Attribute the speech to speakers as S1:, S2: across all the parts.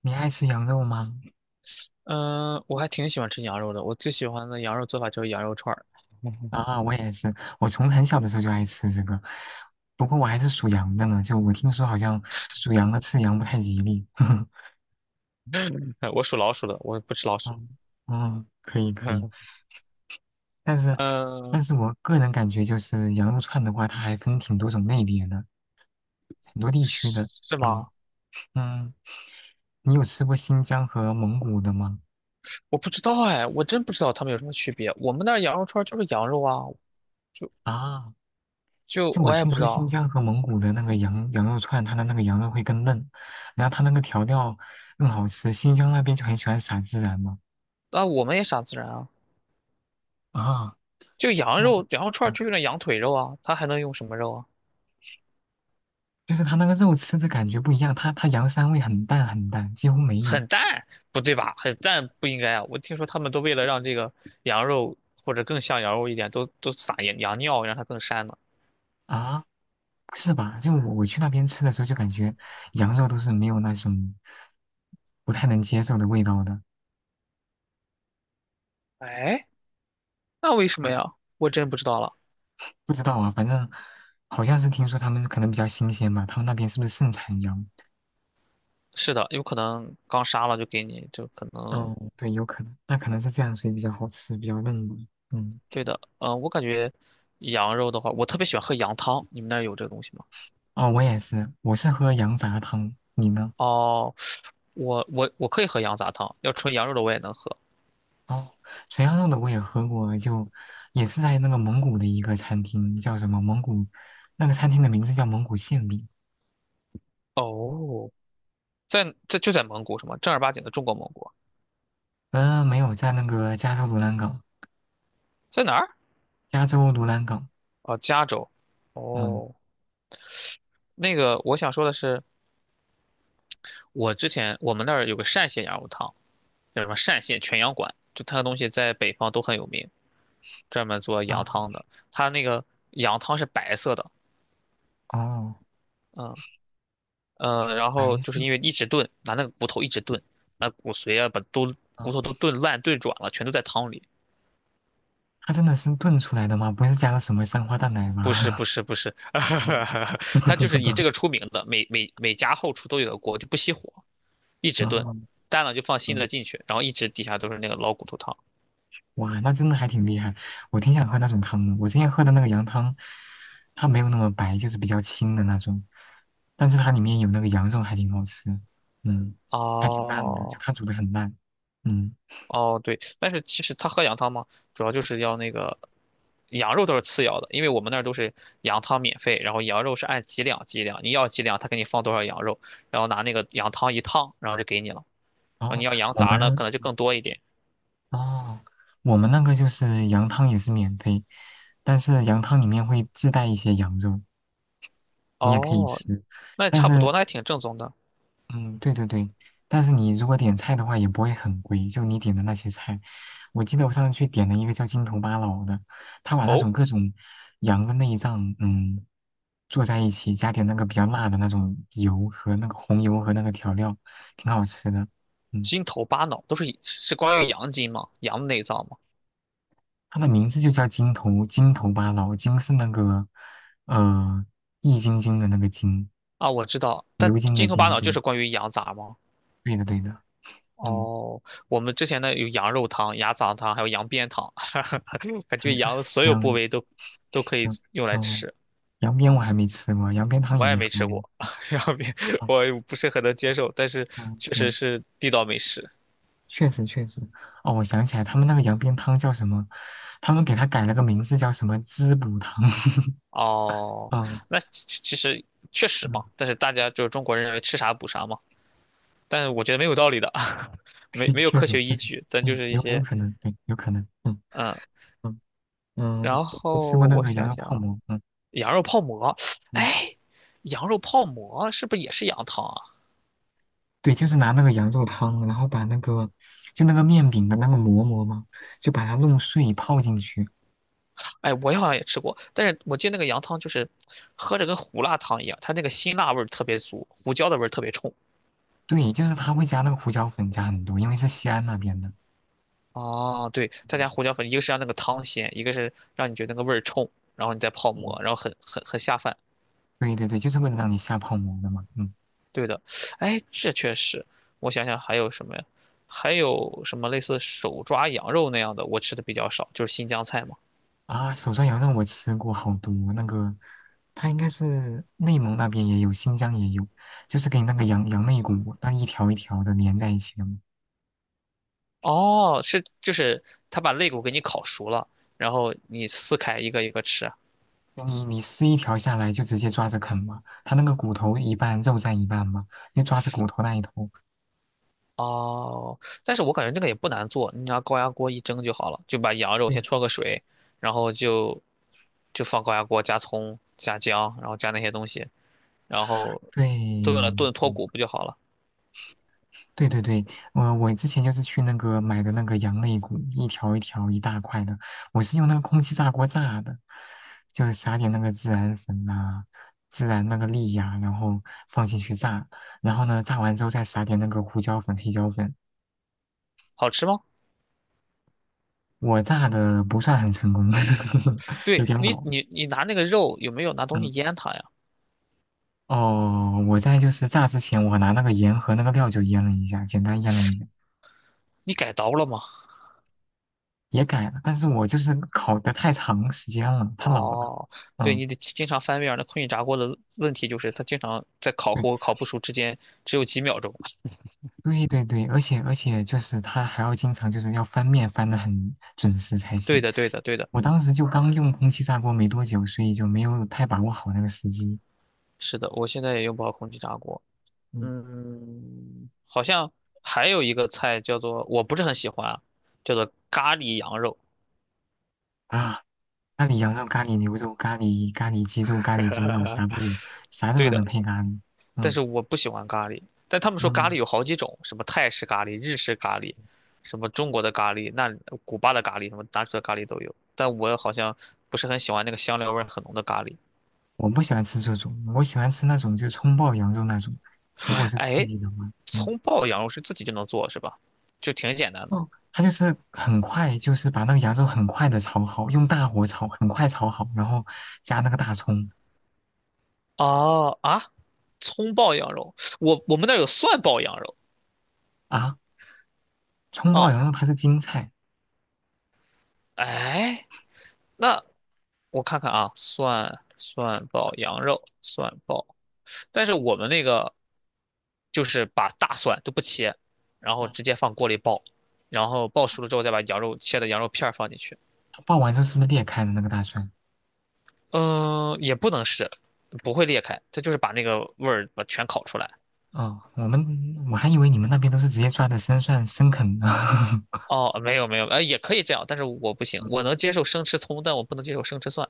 S1: 你爱吃羊肉吗？
S2: 嗯，我还挺喜欢吃羊肉的。我最喜欢的羊肉做法就是羊肉串儿。
S1: 啊，我也是，我从很小的时候就爱吃这个，不过我还是属羊的呢，就我听说好像属羊的吃羊不太吉利。
S2: 我属老鼠的，我不吃老鼠。
S1: 嗯嗯，可以可以，但是
S2: 嗯，
S1: 但是我个人感觉就是羊肉串的话，它还分挺多种类别的，很多地区
S2: 是
S1: 的。
S2: 是
S1: 嗯
S2: 吗？
S1: 嗯，你有吃过新疆和蒙古的吗？
S2: 我不知道哎，我真不知道它们有什么区别。我们那儿羊肉串儿就是羊肉啊，就
S1: 啊，
S2: 就
S1: 就我
S2: 我也
S1: 听
S2: 不知
S1: 说新
S2: 道。
S1: 疆和蒙古的那个羊肉串，它的那个羊肉会更嫩，然后它那个调料更好吃。新疆那边就很喜欢撒孜然嘛。
S2: 那我们也傻自然啊，
S1: 啊，
S2: 就羊
S1: 那
S2: 肉，羊肉串儿
S1: 嗯，
S2: 就用点羊腿肉啊，它还能用什么肉啊？
S1: 就是它那个肉吃的感觉不一样，它羊膻味很淡很淡，几乎没有
S2: 很淡，不对吧？很淡不应该啊。我听说他们都为了让这个羊肉或者更像羊肉一点，都撒羊尿，让它更膻呢。
S1: 啊。不是吧？就我去那边吃的时候，就感觉羊肉都是没有那种不太能接受的味道的。
S2: 那为什么呀？我真不知道了。
S1: 不知道啊，反正好像是听说他们可能比较新鲜吧，他们那边是不是盛产羊？
S2: 是的，有可能刚杀了就给你，就可能
S1: 哦，对，有可能，那可能是这样，所以比较好吃，比较嫩嘛。嗯，
S2: 对的。嗯，我感觉羊肉的话，我特别喜欢喝羊汤。你们那儿有这个东西吗？
S1: 哦，我也是，我是喝羊杂汤，你呢？
S2: 哦，我可以喝羊杂汤，要纯羊肉的我也能喝。
S1: 哦，垂羊肉的我也喝过，就也是在那个蒙古的一个餐厅，叫什么蒙古，那个餐厅的名字叫蒙古馅饼。
S2: 哦，就在蒙古什么正儿八经的中国蒙古，
S1: 嗯、没有，在那个加州卢兰港，
S2: 在哪儿？
S1: 加州卢兰港。
S2: 哦，加州。
S1: 嗯
S2: 哦，那个我想说的是，我之前我们那儿有个单县羊肉汤，叫什么单县全羊馆，就它的东西在北方都很有名。专门做羊
S1: 啊，
S2: 汤的，它那个羊汤是白色的，
S1: 哦，
S2: 嗯然后
S1: 白
S2: 就是
S1: 色
S2: 因为一直炖，拿那个骨头一直炖，把骨髓啊，把
S1: 啊，
S2: 骨头都炖烂炖软了，全都在汤里。
S1: 它真的是炖出来的吗？不是加了什么三花淡奶
S2: 不是
S1: 吗？
S2: 不是不是，
S1: 嗯，
S2: 它就是以这 个出名的，每家后厨都有个锅，就不熄火，一直炖，
S1: 啊，
S2: 淡了就放新
S1: 嗯
S2: 的进去，然后一直底下都是那个老骨头汤。
S1: 哇，那真的还挺厉害。我挺想喝那种汤的。我之前喝的那个羊汤，它没有那么白，就是比较清的那种，但是它里面有那个羊肉，还挺好吃。嗯，还挺烂的，就
S2: 哦，
S1: 它煮的很烂。嗯，
S2: 哦，对，但是其实他喝羊汤吗？主要就是要那个羊肉都是次要的，因为我们那儿都是羊汤免费，然后羊肉是按几两几两，你要几两，他给你放多少羊肉，然后拿那个羊汤一烫，然后就给你了。然
S1: 然
S2: 后
S1: 后
S2: 你要羊
S1: 我
S2: 杂呢，
S1: 们
S2: 可能就更多一点。
S1: 哦，我们那个就是羊汤也是免费，但是羊汤里面会自带一些羊肉，你也可以
S2: 哦，
S1: 吃，
S2: 那也
S1: 但
S2: 差
S1: 是
S2: 不多，那还挺正宗的。
S1: 嗯，对对对，但是你如果点菜的话，也不会很贵。就你点的那些菜，我记得我上次去点了一个叫筋头巴脑的，他把那
S2: 哦，
S1: 种各种羊的内脏，嗯，做在一起，加点那个比较辣的那种油和那个红油和那个调料，挺好吃的。嗯，
S2: 筋头巴脑都是以是关于羊筋吗？羊内脏吗？
S1: 它的名字就叫筋头巴脑，筋是那个呃易筋经的那个筋，
S2: 啊，我知道，但
S1: 牛筋的
S2: 筋头巴
S1: 筋，
S2: 脑就
S1: 对，
S2: 是关于羊杂吗？
S1: 对的，嗯，
S2: 哦，我们之前呢有羊肉汤、羊杂汤，还有羊鞭汤，感觉羊的 所有部
S1: 羊，
S2: 位都可以
S1: 嗯。
S2: 用来
S1: 哦，
S2: 吃。
S1: 羊鞭我还没吃过，羊鞭汤
S2: 我
S1: 也
S2: 也
S1: 没
S2: 没
S1: 喝
S2: 吃
S1: 过。
S2: 过 羊鞭，
S1: 哦，
S2: 我也不是很能接受，但是
S1: 嗯
S2: 确实
S1: 嗯，
S2: 是地道美食。
S1: 确实确实。哦，我想起来，他们那个羊鞭汤叫什么？他们给它改了个名字，叫什么滋补汤。
S2: 哦，
S1: 嗯
S2: 那其实确实
S1: 嗯，
S2: 吧，但是大家就是中国人认为吃啥补啥嘛，但是我觉得没有道理的，没
S1: 对，
S2: 没有
S1: 确
S2: 科
S1: 实
S2: 学
S1: 确
S2: 依
S1: 实，
S2: 据，咱就
S1: 嗯，
S2: 是一
S1: 有
S2: 些
S1: 可能，对，有可能。嗯
S2: 嗯，
S1: 嗯嗯，
S2: 然
S1: 我吃过
S2: 后
S1: 那
S2: 我
S1: 个羊
S2: 想
S1: 肉
S2: 想
S1: 泡
S2: 啊，
S1: 馍。嗯
S2: 羊肉泡馍，
S1: 嗯，
S2: 哎，羊肉泡馍是不是也是羊汤啊？
S1: 对，就是拿那个羊肉汤，然后把那个就那个面饼的那个馍馍嘛，就把它弄碎泡进去。
S2: 哎，我好像也吃过，但是我记得那个羊汤就是喝着跟胡辣汤一样，它那个辛辣味儿特别足，胡椒的味儿特别冲。
S1: 对，就是他会加那个胡椒粉，加很多，因为是西安那边的。
S2: 哦，对，他
S1: 嗯
S2: 家胡椒粉，一个是让那个汤鲜，一个是让你觉得那个味儿冲，然后你再泡馍，
S1: 嗯
S2: 然后很下饭。
S1: 对对对，就是为了让你下泡馍的嘛。嗯，
S2: 对的，哎，这确实，我想想还有什么呀？还有什么类似手抓羊肉那样的，我吃的比较少，就是新疆菜嘛。
S1: 啊，手抓羊肉我吃过好多，那个它应该是内蒙那边也有，新疆也有，就是给你那个羊肋骨，那一条一条的连在一起的嘛。
S2: 哦，是就是他把肋骨给你烤熟了，然后你撕开一个一个吃。
S1: 你撕一条下来就直接抓着啃嘛，它那个骨头一半，肉占一半嘛，你抓着骨头那一头。
S2: 哦，但是我感觉这个也不难做，你拿高压锅一蒸就好了，就把羊肉先
S1: 对
S2: 焯个水，然后就放高压锅加葱加姜，然后加那些东西，然后炖了
S1: 对，
S2: 炖脱
S1: 嗯
S2: 骨不就好了？
S1: 对对对，我之前就是去那个买的那个羊肋骨，一条一条一大块的，我是用那个空气炸锅炸的，就是撒点那个孜然粉呐、孜然那个粒呀、然后放进去炸，然后呢炸完之后再撒点那个胡椒粉、黑椒粉。
S2: 好吃吗？
S1: 我炸的不算很成功，有
S2: 对
S1: 点
S2: 你
S1: 老。
S2: 你你拿那个肉有没有拿东西
S1: 嗯，
S2: 腌它呀？
S1: 哦，我在就是炸之前，我拿那个盐和那个料酒腌了一下，简单腌了一下，
S2: 你改刀了吗？
S1: 也改了，但是我就是烤的太长时间了，太老了。
S2: 哦，对，
S1: 嗯。
S2: 你得经常翻面儿那空气炸锅的问题就是它经常在烤糊和
S1: 对
S2: 烤不熟之间只有几秒钟。
S1: 对对对，而且就是他还要经常就是要翻面翻的很准时才
S2: 对
S1: 行。
S2: 的，对的，对的，
S1: 我当时就刚用空气炸锅没多久，所以就没有太把握好那个时机。
S2: 是的，我现在也用不好空气炸锅。
S1: 嗯
S2: 嗯，好像还有一个菜叫做，我不是很喜欢，啊，叫做咖喱羊肉。
S1: 啊，咖喱羊肉、咖喱牛肉、咖喱鸡肉、咖喱猪肉，啥都有，啥肉
S2: 对
S1: 都能
S2: 的，
S1: 配咖喱。
S2: 但
S1: 嗯
S2: 是我不喜欢咖喱。但他们说咖喱
S1: 嗯，
S2: 有好几种，什么泰式咖喱、日式咖喱，什么中国的咖喱，那古巴的咖喱，什么哪种的咖喱都有。但我好像不是很喜欢那个香料味儿很浓的咖喱。
S1: 我不喜欢吃这种，我喜欢吃那种就葱爆羊肉那种，如果是刺
S2: 哎，
S1: 激的话，嗯。
S2: 葱爆羊肉是自己就能做是吧？就挺简单的。
S1: 哦，他就是很快，就是把那个羊肉很快的炒好，用大火炒，很快炒好，然后加那个大葱
S2: 哦啊，葱爆羊肉，我们那儿有蒜爆羊肉。
S1: 啊，葱爆
S2: 哦，
S1: 羊肉它是京菜，
S2: 哎。那我看看啊，蒜爆羊肉，蒜爆，但是我们那个就是把大蒜都不切，然后
S1: 嗯，
S2: 直接放锅里爆，然后爆
S1: 哦
S2: 熟了之后再把羊肉切的羊肉片儿放进去。
S1: 它爆完之后是不是裂开的那个大蒜？
S2: 嗯，也不能是，不会裂开，它就是把那个味儿把全烤出来。
S1: 哦，我们我还以为你们那边都是直接抓的生蒜生啃的，
S2: 哦，没有没有，也可以这样，但是我不行，我能接受生吃葱，但我不能接受生吃蒜。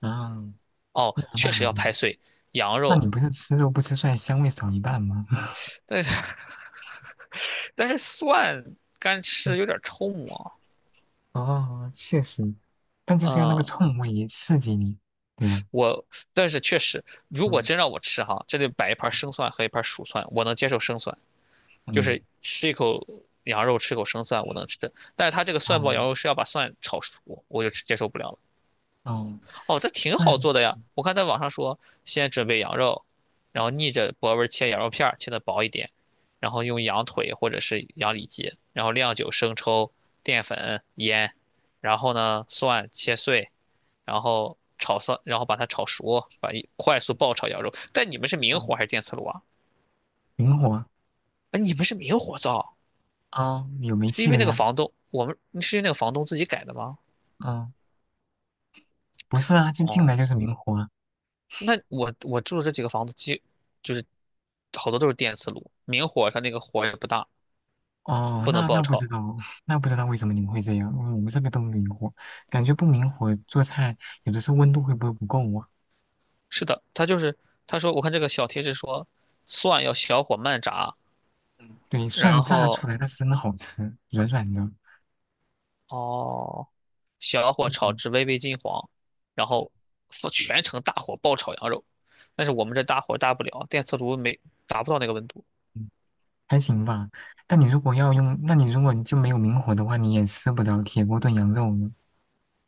S1: 嗯，
S2: 哦，
S1: 那
S2: 确实
S1: 还
S2: 要拍碎羊
S1: 那
S2: 肉，
S1: 你不是吃肉不吃蒜，香味少一半吗？
S2: 但是 但是蒜干吃有 点冲啊。
S1: 哦，确实，但就是要那个
S2: 嗯，
S1: 冲味也刺激你，对吧？
S2: 我，但是确实，如果
S1: 嗯
S2: 真让我吃哈，这里摆一盘生蒜和一盘熟蒜，我能接受生蒜，就
S1: 嗯，
S2: 是吃一口羊肉，吃口生蒜，我能吃的但是它这个
S1: 哦
S2: 蒜爆羊肉是要把蒜炒熟，我就接受不了了。
S1: 哦，
S2: 哦，这挺好
S1: 蒜，
S2: 做的呀，我看在网上说，先准备羊肉，然后逆着薄纹切羊肉片儿，切的薄一点，然后用羊腿或者是羊里脊，然后料酒、生抽、淀粉、盐，然后呢，蒜切碎，然后炒蒜，然后把它炒熟，把一快速爆炒羊肉。但你们是明
S1: 嗯，
S2: 火还是电磁炉啊？
S1: 灵活。
S2: 哎，你们是明火灶，
S1: 哦，有煤
S2: 是
S1: 气
S2: 因为
S1: 了
S2: 那个
S1: 呀？
S2: 房东，我们是因为那个房东自己改的吗？
S1: 哦，不是啊，就进来
S2: 哦，
S1: 就是明火啊。
S2: 那我住的这几个房子基，就是好多都是电磁炉，明火它那个火也不大，
S1: 哦，
S2: 不能
S1: 那
S2: 爆
S1: 不知
S2: 炒。
S1: 道，那不知道为什么你们会这样。嗯我们这边都明火，感觉不明火做菜有的时候温度会不会不够啊？
S2: 是的，他就是他说，我看这个小贴士说，蒜要小火慢炸，
S1: 嗯，对，蒜
S2: 然
S1: 炸
S2: 后
S1: 出来那是真的好吃，软软的，
S2: 哦，小火
S1: 那
S2: 炒
S1: 种
S2: 至微微金黄，然
S1: 嗯
S2: 后是全程大火爆炒羊肉。但是我们这大火大不了，电磁炉没达不到那个温度。
S1: 嗯，还行吧。但你如果要用，那你如果你就没有明火的话，你也吃不了铁锅炖羊肉呢。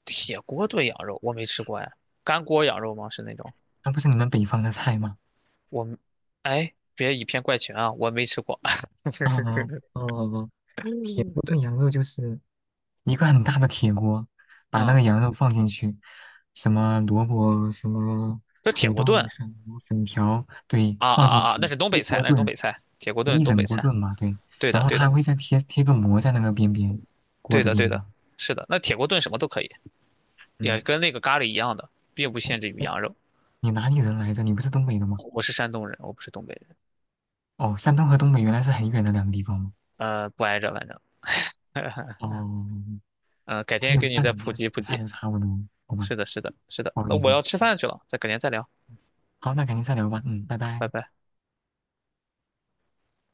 S2: 铁锅炖羊肉我没吃过哎，干锅羊肉吗？是那种
S1: 那不是你们北方的菜吗？
S2: 我们，哎，别以偏概全啊，我没吃过。
S1: 啊哦哦，铁锅
S2: 对，
S1: 炖羊肉就是一个很大的铁锅，把那
S2: 嗯，
S1: 个羊肉放进去，什么萝卜、什么
S2: 这铁
S1: 土
S2: 锅
S1: 豆、
S2: 炖
S1: 什么粉条，对，
S2: 啊啊
S1: 放
S2: 啊
S1: 进
S2: 啊，那
S1: 去
S2: 是东
S1: 一
S2: 北菜，
S1: 锅炖，
S2: 铁锅炖
S1: 一
S2: 东
S1: 整
S2: 北
S1: 锅
S2: 菜。
S1: 炖嘛，对。
S2: 对
S1: 然
S2: 的，
S1: 后他
S2: 对
S1: 还
S2: 的，
S1: 会再贴个膜在那个边边，锅
S2: 对
S1: 的
S2: 的，
S1: 边
S2: 对的，
S1: 边。
S2: 是的。那铁锅炖什么都可以，也
S1: 嗯，
S2: 跟那个咖喱一样的，并不
S1: 哎
S2: 限制于
S1: 哎，
S2: 羊肉。
S1: 你哪里人来着？你不是东北的吗？
S2: 我是山东人，我不是东北人。
S1: 哦，山东和东北原来是很远的两个地方吗？
S2: 呃，不挨着，反正，
S1: 哦，
S2: 嗯、改
S1: 我还以
S2: 天给
S1: 为
S2: 你
S1: 那
S2: 再
S1: 两
S2: 普
S1: 边
S2: 及
S1: 吃
S2: 普
S1: 的菜
S2: 及。
S1: 都差不多，好吧，
S2: 是的。
S1: 不好
S2: 那
S1: 意思。
S2: 我要吃
S1: 嗯
S2: 饭去了，再改天再聊，
S1: 好，那改天再聊吧。嗯，拜拜。
S2: 拜拜。